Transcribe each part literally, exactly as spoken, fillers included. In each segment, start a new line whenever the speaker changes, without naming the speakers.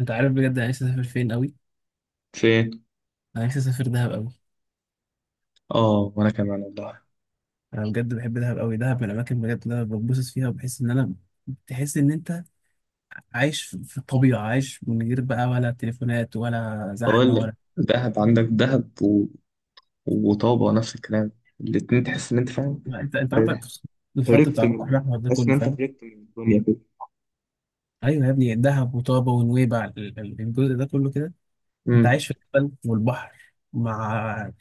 انت عارف بجد انا نفسي اسافر فين قوي.
فين؟
انا نفسي اسافر دهب قوي.
اه، وانا كمان والله.
انا بجد بحب دهب قوي، دهب من الاماكن بجد اللي انا بتبسط فيها وبحس ان انا تحس ان انت عايش في في الطبيعه، عايش من غير بقى ولا تليفونات ولا
اقول
زحمه
لك
ولا
دهب عندك دهب و... وطابة نفس الكلام، الاتنين تحس ان انت فاهم.
لا، انت انت عندك الخط
هربت
بتاع البحر
من
الاحمر ده
تحس
كله
ان انت
فاهم.
هربت من الدنيا كده.
ايوه يا ابني دهب وطابه ونويبع ال- ال- الجزء ده كله كده. انت عايش
امم.
في الجبل والبحر مع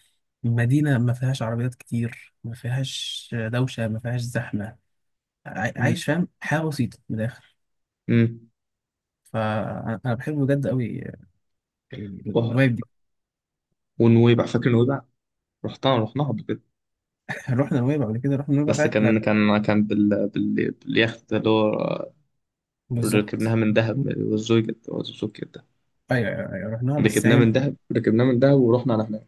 مدينه ما فيهاش عربيات كتير، ما فيهاش دوشه، ما فيهاش زحمه. عاي-
امم.
عايش فاهم حياه بسيطه من الاخر.
أمم.
فانا أنا بحب بجد قوي يعني
وه-
الفايب دي.
ونويبع، فاكر نويبع؟ رحتها رحناها قبل كده،
رحنا نويبع قبل كده، رحنا نويبع
بس
ساعه لا
كان كان كان بال... بال... باليخت اللي هو ركبناها
بالظبط.
من دهب. والزوجة والزوجة ده.
ايوه ايوه أيوة، رحناها بس
ركبناه من
يعني
دهب ركبناه من دهب ورحنا على هناك.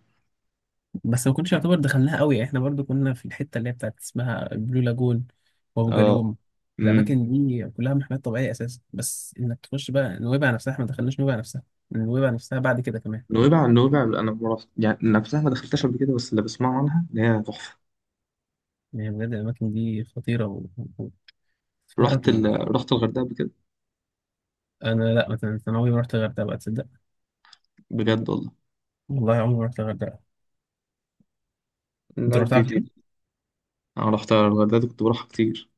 بس ما كناش يعتبر دخلناها قوي، احنا برضو كنا في الحته اللي هي بتاعت اسمها البلو لاجون وابو
اه.
جالوم.
امم.
الاماكن دي كلها محميات طبيعيه اساسا، بس انك تخش بقى نويبع نفسها، احنا ما دخلناش نويبع نفسها. نويبع نفسها بعد كده كمان.
نويبع، نويبع، انا ما رحت- يعني نفسها ما دخلتهاش قبل كده، بس اللي بسمعه عنها ان هي تحفة.
يعني بجد الاماكن دي خطيره و- و- وتتفرج
رحت
يعني.
ال... رحت الغردقة قبل كده.
انا لا، مثلا انا عمري ما رحت الغردقه بقى تصدق.
بجد والله.
والله عمري ما رحت الغردقه. انت
لا،
رحتها
دي
قبل
دي
كده؟
أنا رحت الغردقة، دي كنت بروحها كتير.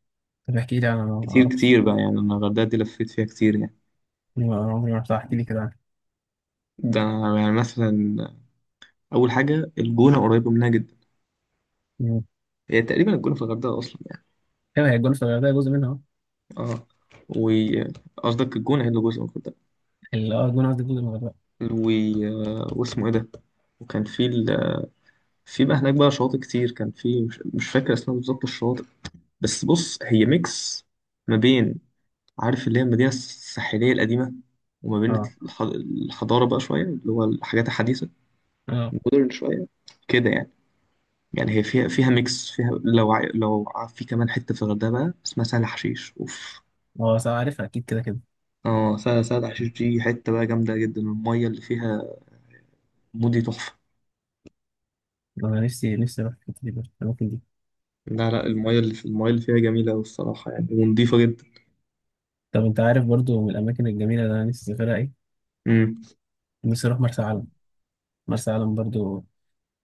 طب احكي لي، انا ما
كتير
اعرفش.
كتير بقى، يعني أنا الغردقة دي لفيت فيها كتير يعني.
ما عمري ما رحتها، احكي لي كده عنها.
ده أنا يعني مثلا، أول حاجة الجونة قريبة منها جدا.
مم.
هي تقريبا الجونة في الغردقة أصلا يعني.
ايوه هي الجونه في الغردقه جزء منها، اه.
أه. و، قصدك الجونة هي اللي جزء من الغردقة.
ال- اه الجونه قصدي جزء من الغردقه.
و... واسمه إيه ده؟ وكان في ال... في بقى هناك بقى شواطئ كتير، كان في مش, مش فاكر اسمها بالظبط الشواطئ. بس بص، هي ميكس ما بين، عارف، اللي هي المدينة الساحلية القديمة، وما بين
اه.
الح- الحضارة بقى شوية، اللي هو الحاجات الحديثة،
اه.
مودرن شوية كده يعني. يعني هي فيها فيها ميكس، فيها لو ع- لو ع- في كمان حتة في الغردقة بقى اسمها سهل حشيش، اوف.
اه صح عارفها اكيد كده كده.
اه، سهل سهل حشيش دي حتة بقى جامدة جدا، المية اللي فيها مودي تحفة.
انا نفسي نفسي اروح الحتة دي برضه، الاماكن دي.
لا لا، المية اللي في المية اللي فيها جميلة أوي الصراحة يعني، ونضيفة جدا.
طب انت عارف برضو من الاماكن الجميله اللي انا نفسي اسافرها ايه؟
امم.
نفسي اروح مرسى علم. مرسى علم برضو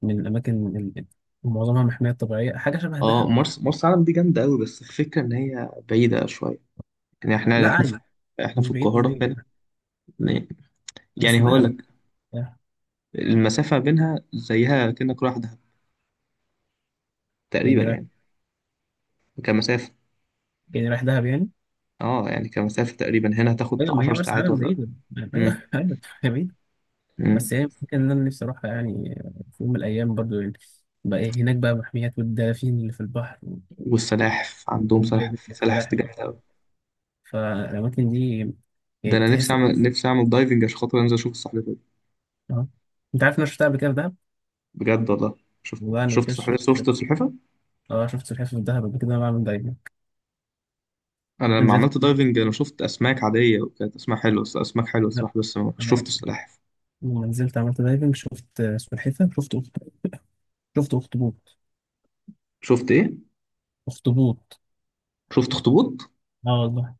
من الاماكن اللي معظمها محميات طبيعيه، حاجه شبه
اه،
دهب.
مرسى مرسى علم دي جامدة أوي، بس الفكرة إن هي بعيدة شوية. يعني احنا
لا
احنا في
عادي،
احنا
مش
في
بعيد مش
القاهرة
بعيد،
هنا،
بس
يعني هقول
دهب
لك المسافة بينها زيها كأنك رايح دهب تقريبا
يعني رايح،
يعني، كمسافة.
يعني رايح دهب يعني.
اه يعني كمسافة تقريبا هنا هتاخد
ايوه ما هي
عشر
مرسى
ساعات
علم
ولا.
بعيده. ايوه.
امم.
ايوه هي بعيده.
امم.
بس هي ممكن ان انا نفسي اروحها يعني، في يوم من الايام برضو يعني. بقى إيه هناك بقى، محميات والدلافين اللي في البحر و-
والسلاحف،
و-
عندهم
والدايفنج
سلاحف، سلاحف
والسلاحف
جامدة
والبحر.
أوي.
فالاماكن دي
ده
يعني
أنا نفسي
تحس.
أعمل نفسي أعمل دايفنج عشان خاطر أنزل أشوف السلحفاة دي.
اه انت عارف إن انا شفتها قبل كده في دهب.
بجد والله. شفت
والله انا قبل
شفت
كده
سلحفاة،
شفت،
شفت سلحفاة.
اه شفت سلحفاة في دهب قبل كده انا بعمل دايفنج.
أنا لما
نزلت.
عملت دايفنج أنا شفت أسماك عادية، وكانت أسماك حلوة، بس أسماك حلوة الصراحة، بس ما شفت السلاحف.
لما نزلت عملت دايفنج شفت سلحفاة شفت أخت- شفت اخطبوط.
شفت إيه؟
اخطبوط.
شفت أخطبوط؟
اه والله.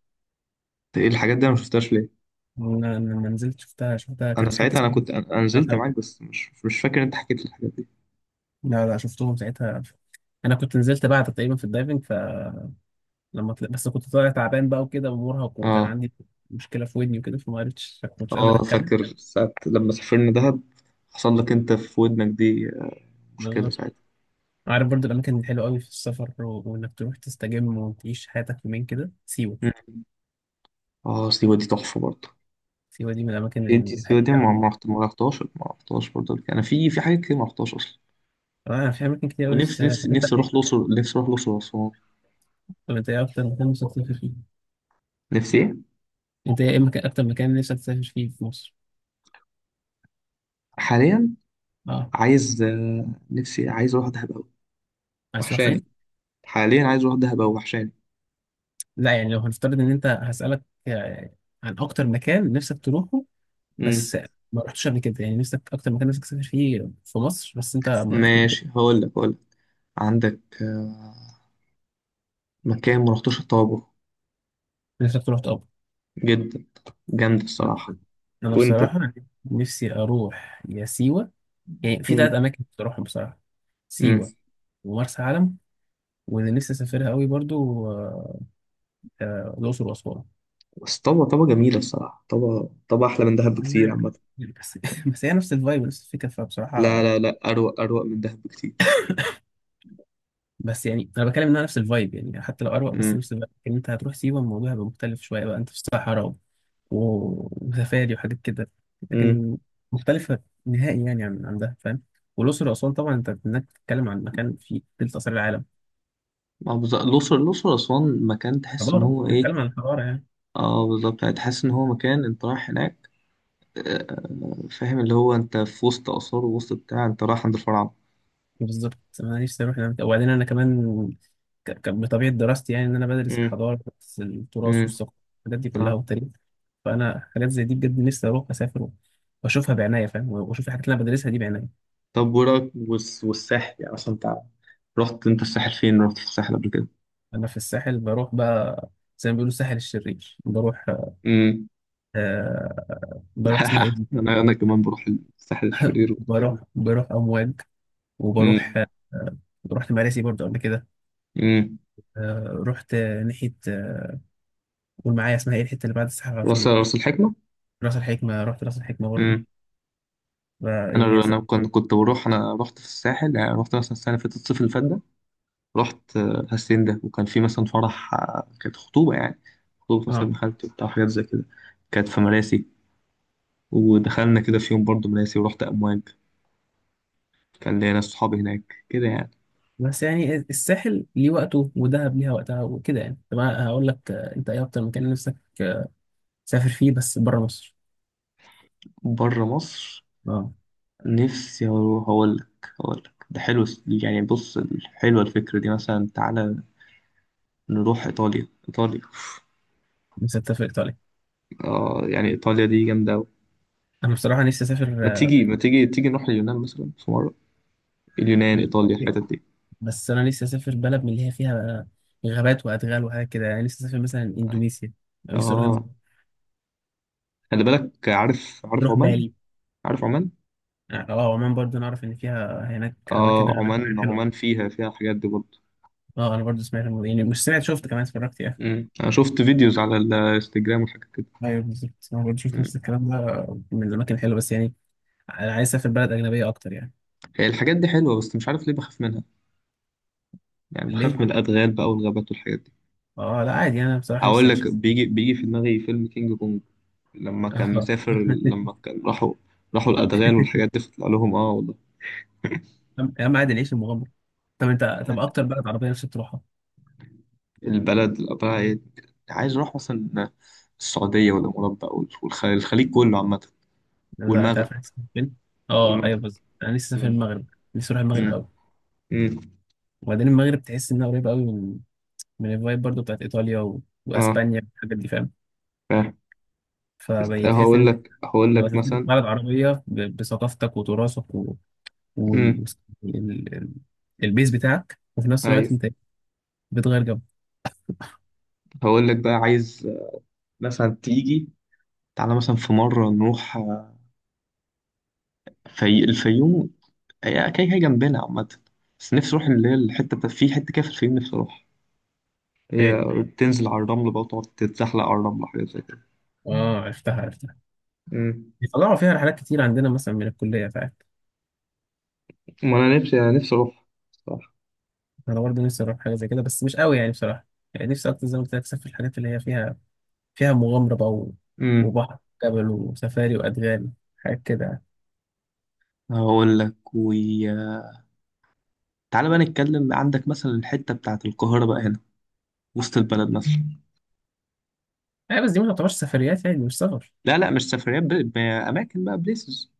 إيه الحاجات دي أنا ما شفتهاش ليه؟
لما لما نزلت شفتها، شفتها
أنا
كانت في حته
ساعتها، أنا
اسمها.
كنت، أنا أنا نزلت معاك، بس مش مش فاكر أنت حكيت لي الحاجات دي.
لا لا، شفتهم ساعتها. انا كنت نزلت بعد تقريبا في الدايفنج، فلما طلع بس كنت طالع تعبان بقى وكده ومرهق، وكان
اه.
عندي مشكله في ودني وكده فما عرفتش، ما كنتش قادر
اه
اتكلم.
فاكر ساعة لما سافرنا دهب، حصل لك انت في ودنك دي مشكلة
بالظبط.
ساعتها.
عارف برضو الاماكن الحلوه قوي في السفر و- وانك تروح تستجم وتعيش حياتك يومين كده سيوه.
مم. اه، سيوة دي تحفة برضه.
سيوه دي من الاماكن
انت سيوة
الهاديه
دي ما
قوي.
ما رحت- ما رحتهاش ما رحتهاش برضه قبل كده. انا في في حاجات كتير ما رحتهاش اصلا،
انا في اماكن كتير قوي، بس
ونفسي،
طب
نفسي
انت
نفسي اروح
ايه،
الاقصر نفسي اروح الاقصر واسوان.
طب انت ايه اكتر مكان نفسك تسافر فيه؟
نفسي ايه.
انت ايه مكان، اكتر مكان نفسك تسافر فيه في مصر؟
حاليا
اه.
عايز آه، نفسي عايز اروح دهب اوي،
عايز تروح
وحشاني.
فين؟
حاليا عايز اروح دهب اوي، وحشاني.
لا يعني لو هنفترض ان انت هسالك آه، عن اكتر مكان نفسك تروحه
مم.
بس ما رحتش قبل كده، يعني نفسك اكتر مكان نفسك تسافر فيه في مصر بس انت ما رحتش قبل كده.
ماشي، هقول لك هقول لك. عندك آه، مكان ما رحتوش، الطابة.
نفسك تروح طب.
جدا، جامد الصراحة.
انا
وانت؟
بصراحه نفسي اروح يا سيوه، يعني في
مم.
ثلاث اماكن نفسي اروحهم بصراحه.
امم.
سيوه ومرسى علم، واللي نفسي اسافرها قوي برضو آه، آه، الاقصر واسوان.
بس طبعا طبعا جميلة الصراحة، طبعا طبعا أحلى من دهب بكتير
مم.
عامة.
بس بس هي نفس الفايب، نفس الفكره
لا،
فبصراحه.
لا، لا، أروق أروق من دهب بكتير.
بس يعني انا بتكلم انها نفس الفايب، يعني حتى لو اروق بس
امم.
نفس الفايب، ان انت هتروح سيوه الموضوع هيبقى مختلف شويه بقى انت في الصحراء وسفاري وحاجات كده.
امم.
لكن مختلفة نهائي يعني عن عن ده، فاهم؟ والأقصر وأسوان طبعا أنت إنك بتتكلم عن مكان فيه تلت آثار العالم.
اه بالظبط، الأقصر الأقصر أسوان مكان تحس إن
حضارة،
هو إيه.
بتتكلم عن حضارة يعني.
اه بالظبط، يعني تحس إن هو مكان أنت رايح هناك آه، فاهم، اللي هو أنت في وسط آثار ووسط بتاع، أنت رايح عند الفراعنة.
بالظبط، أنا نفسي أروح هناك. وبعدين أنا كمان، ك- ك- بطبيعة دراستي يعني إن أنا بدرس
امم.
الحضارة، بدرس التراث
امم.
والثقافة، الحاجات دي
اه.
كلها والتاريخ. فأنا حاجات زي دي بجد نفسي أروح أسافر وأشوفها بعناية، فاهم، وأشوف الحاجات اللي أنا بدرسها دي بعناية.
طب ورا والس- والساحل يعني أصلا أنت، رحت أنت الساحل فين؟ رحت في الساحل قبل كده؟
أنا في الساحل بروح بقى زي ما بيقولوا الساحل الشرير بروح،
امم.
آه، بروح اسمها إيه.
أنا أنا كمان بروح الساحل الشرير.
بروح، بروح أمواج، وبروح
امم.
آه، رحت مراسي برضه قبل كده. آه، رحت آه، ناحية آه، قول معايا اسمها ايه الحتة اللي بعد الساحل على
راس
طول.
راس الحكمة.
راس الحكمة، رحت راس الحكمة برضه.
امم.
ف- يعني
انا،
س-
انا كنت كنت بروح، انا رحت في الساحل يعني، رحت مثلا السنة اللي فاتت، الصيف اللي فات ده، رحت آه، هاسين ده، وكان في مثلا فرح آه، كانت خطوبة يعني، خطوبة مثلا ابن
اه
خالتي وبتاع حاجات زي كده. كانت في مراسي، ودخلنا كده في يوم برضه مراسي، ورحت امواج، كان ليا ناس صحابي هناك كده يعني.
بس يعني الساحل ليه وقته ودهب ليها وقتها وكده يعني. طب أنا هقول لك، آه، انت ايه اكتر مكان نفسك آه، تسافر فيه بس بره مصر؟
بره مصر.
اه
نفسي اروح، اقول لك اقول لك ده حلو يعني، بص، حلوة الفكرة دي. مثلا تعالى نروح ايطاليا، ايطاليا
نفسك تسافر ايطاليا؟
آه يعني ايطاليا دي جامدة.
انا بصراحة نفسي اسافر
ما
آه،
تيجي ما تيجي تيجي نروح اليونان مثلا في مرة، اليونان، إيطاليا، الحتت دي.
بس انا نفسي اسافر بلد من اللي هي فيها آه، غابات وادغال وحاجات كده يعني، نفسي اسافر مثلا اندونيسيا. أنا نفسي اروح،
اه، خلي بالك، عارف عارف
نروح
عمان،
بالي.
عارف عمان.
اه آه، عمان برضو نعرف ان فيها هناك اماكن
اه،
غابات كتير
عمان
حلوه.
عمان فيها، فيها الحاجات دي برضه.
اه انا برضو سمعت الموضوع، يعني مش سمعت، شفت كمان اتفرجت يعني.
أمم. انا شفت فيديوز على الانستجرام وحاجات كده.
ايوه بالظبط انا برضو شفت
أمم.
نفس الكلام ده، من الاماكن الحلوه بس يعني انا عايز اسافر بلد اجنبيه اكتر يعني.
هي الحاجات دي حلوة، بس مش عارف ليه بخاف منها. يعني بخاف
ليه؟
من الأدغال بقى والغابات والحاجات دي.
اه لا عادي انا بصراحه لسه
هقول لك،
اعيش.
بيجي بيجي في دماغي فيلم كينج كونج، لما كان
اه
مسافر، لما كان راحوا راحوا الأدغال والحاجات دي، فطلع لهم اه والله.
يا عم عادي نعيش المغامره. طب انت، طب اكتر بلد عربيه نفسك تروحها؟
البلد اللي قبلها إيه؟ عايز أروح مثلا السعودية والإمارات بقى، وال- والخ- الخليج كله عامة.
لا انت
والمغرب،
عارف أنا هسافر فين؟ اه
والمغرب.
ايوه بالظبط، انا لسه سافر
مم.
المغرب، لسه اروح المغرب
مم.
قوي.
مم.
وبعدين المغرب تحس انها قريبه قوي من من الفايب برضو بتاعت ايطاليا و...
اه،
واسبانيا والحاجات دي، فاهم.
فاهم. بس
فبتحس ان
هقول
انت
لك هقول
لو
لك
سافرت
مثلا.
بلد عربيه ب- بثقافتك وتراثك و... وال...
امم.
ال... ال- البيز بتاعك وفي نفس الوقت
ايوه.
انت بتغير جو.
هقول لك بقى عايز مثلا تيجي، تعالى مثلا في مرة نروح آه، في الفيوم، هي كده كده جنبنا عامة. بس نفسي اروح اللي هي الحتة بتاع- في حتة كده في الفيوم، نفسي اروحها.
فين؟
هي بتنزل على الرمل بقى، وتقعد تتزحلق على الرمل، حاجات زي كده.
اه عرفتها عرفتها،
مم.
بيطلعوا فيها رحلات كتير عندنا مثلا من الكليه فعلا.
ما انا نفسي انا نفسي اروح، صح.
انا برضه نفسي اروح حاجه زي كده بس مش قوي يعني بصراحه، يعني نفسي اكتر زي ما قلت لك اسافر الحاجات اللي هي فيها، فيها مغامره بقى و...
امم.
وبحر، جبل وسفاري وادغال، حاجات كده.
هقول لك وي... تعالى بقى نتكلم، عندك مثلا الحتة بتاعت القاهرة بقى هنا، وسط البلد مثلا.
يعني آه، بس دي ما تعتبرش سفريات يعني، مش سفر.
لا لا، مش سفريات ب... بأماكن بقى، بليسز.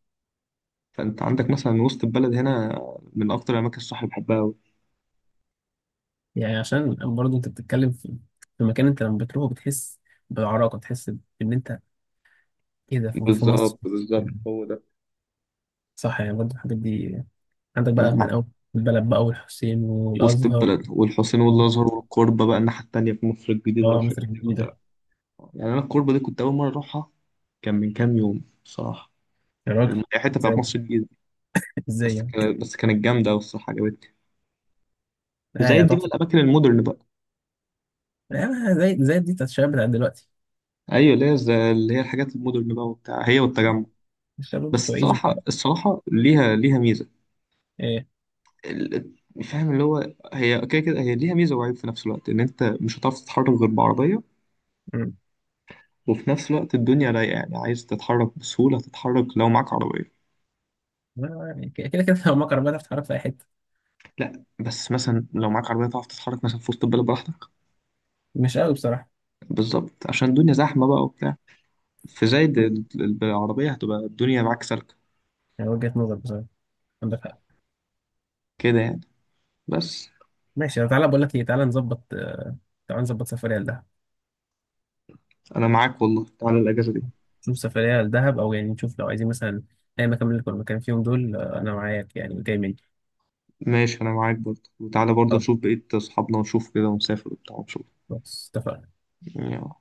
فأنت عندك مثلا وسط البلد هنا، من أكتر الأماكن الصح اللي بحبها أوي.
يعني عشان برضه انت بتتكلم في في مكان انت لما بتروحه بتحس بعراقه، بتحس بان انت ايه ده في في مصر.
بالظبط، بالظبط
مم.
هو ده.
صح يعني برضه الحاجات دي عندك بقى من
يعني
اول البلد بقى والحسين
وسط
والازهر
البلد والحسين
و-
والأزهر والكوربة بقى، الناحية التانية في مصر الجديدة
اه مصر
والحاجات دي كلها.
الجديده.
يعني أنا الكوربة دي كنت أول مرة أروحها، كان من كام يوم صراحة،
يا راجل
الم- الحتة بتاعت
ازاي،
مصر الجديدة.
ازاي
بس
يعني؟
كانت، بس كانت جامدة أوي الصراحة، عجبتني.
اه
زي
يا
دي بقى
تحفه.
الأماكن المودرن بقى.
آه زي زي دي بتاعت الشباب بتاع دلوقتي،
أيوة اللي هي زي- اللي هي الحاجات المودرن بقى وبتاع، هي والتجمع.
الشباب
بس
بتوع ايجيبت
الصراحة
بقى.
الصراحة ليها ليها ميزة.
ايه؟
ال- فاهم اللي هو هي كده كده، هي ليها ميزة وعيب في نفس الوقت، إن أنت مش هتعرف تتحرك غير بعربية.
مم.
وفي نفس الوقت الدنيا رايقة يعني، عايز تتحرك بسهولة، تتحرك لو معاك عربية.
آه، يعني كده كده كده لو مكر بقى تتعرف في اي حته.
لا بس مثلا لو معاك عربية تعرف تتحرك مثلا في وسط البلد براحتك.
مش قوي بصراحه.
بالظبط، عشان الدنيا زحمة بقى وبتاع، في زايد
مم.
ال- ال- بالعربية هتبقى الدنيا معاك سالكة،
يعني وجهه نظر بصراحه، عندك حق.
كده يعني. بس
ماشي، تعالى بقول لك ايه، تعالى نظبط آه، تعالى نظبط سفريه لده.
انا معاك والله، تعالى الاجازه دي.
نشوف سفرية لدهب، أو يعني نشوف لو عايزين مثلا أي مكان من اللي كنا مكان فيهم دول، آه، أنا معاك يعني جاي مني.
ماشي، انا معاك برضه، وتعالى برضه
طب
نشوف بقيه اصحابنا، ونشوف كده، ونسافر وبتاع ونشوف
خلاص اتفقنا.
يعني.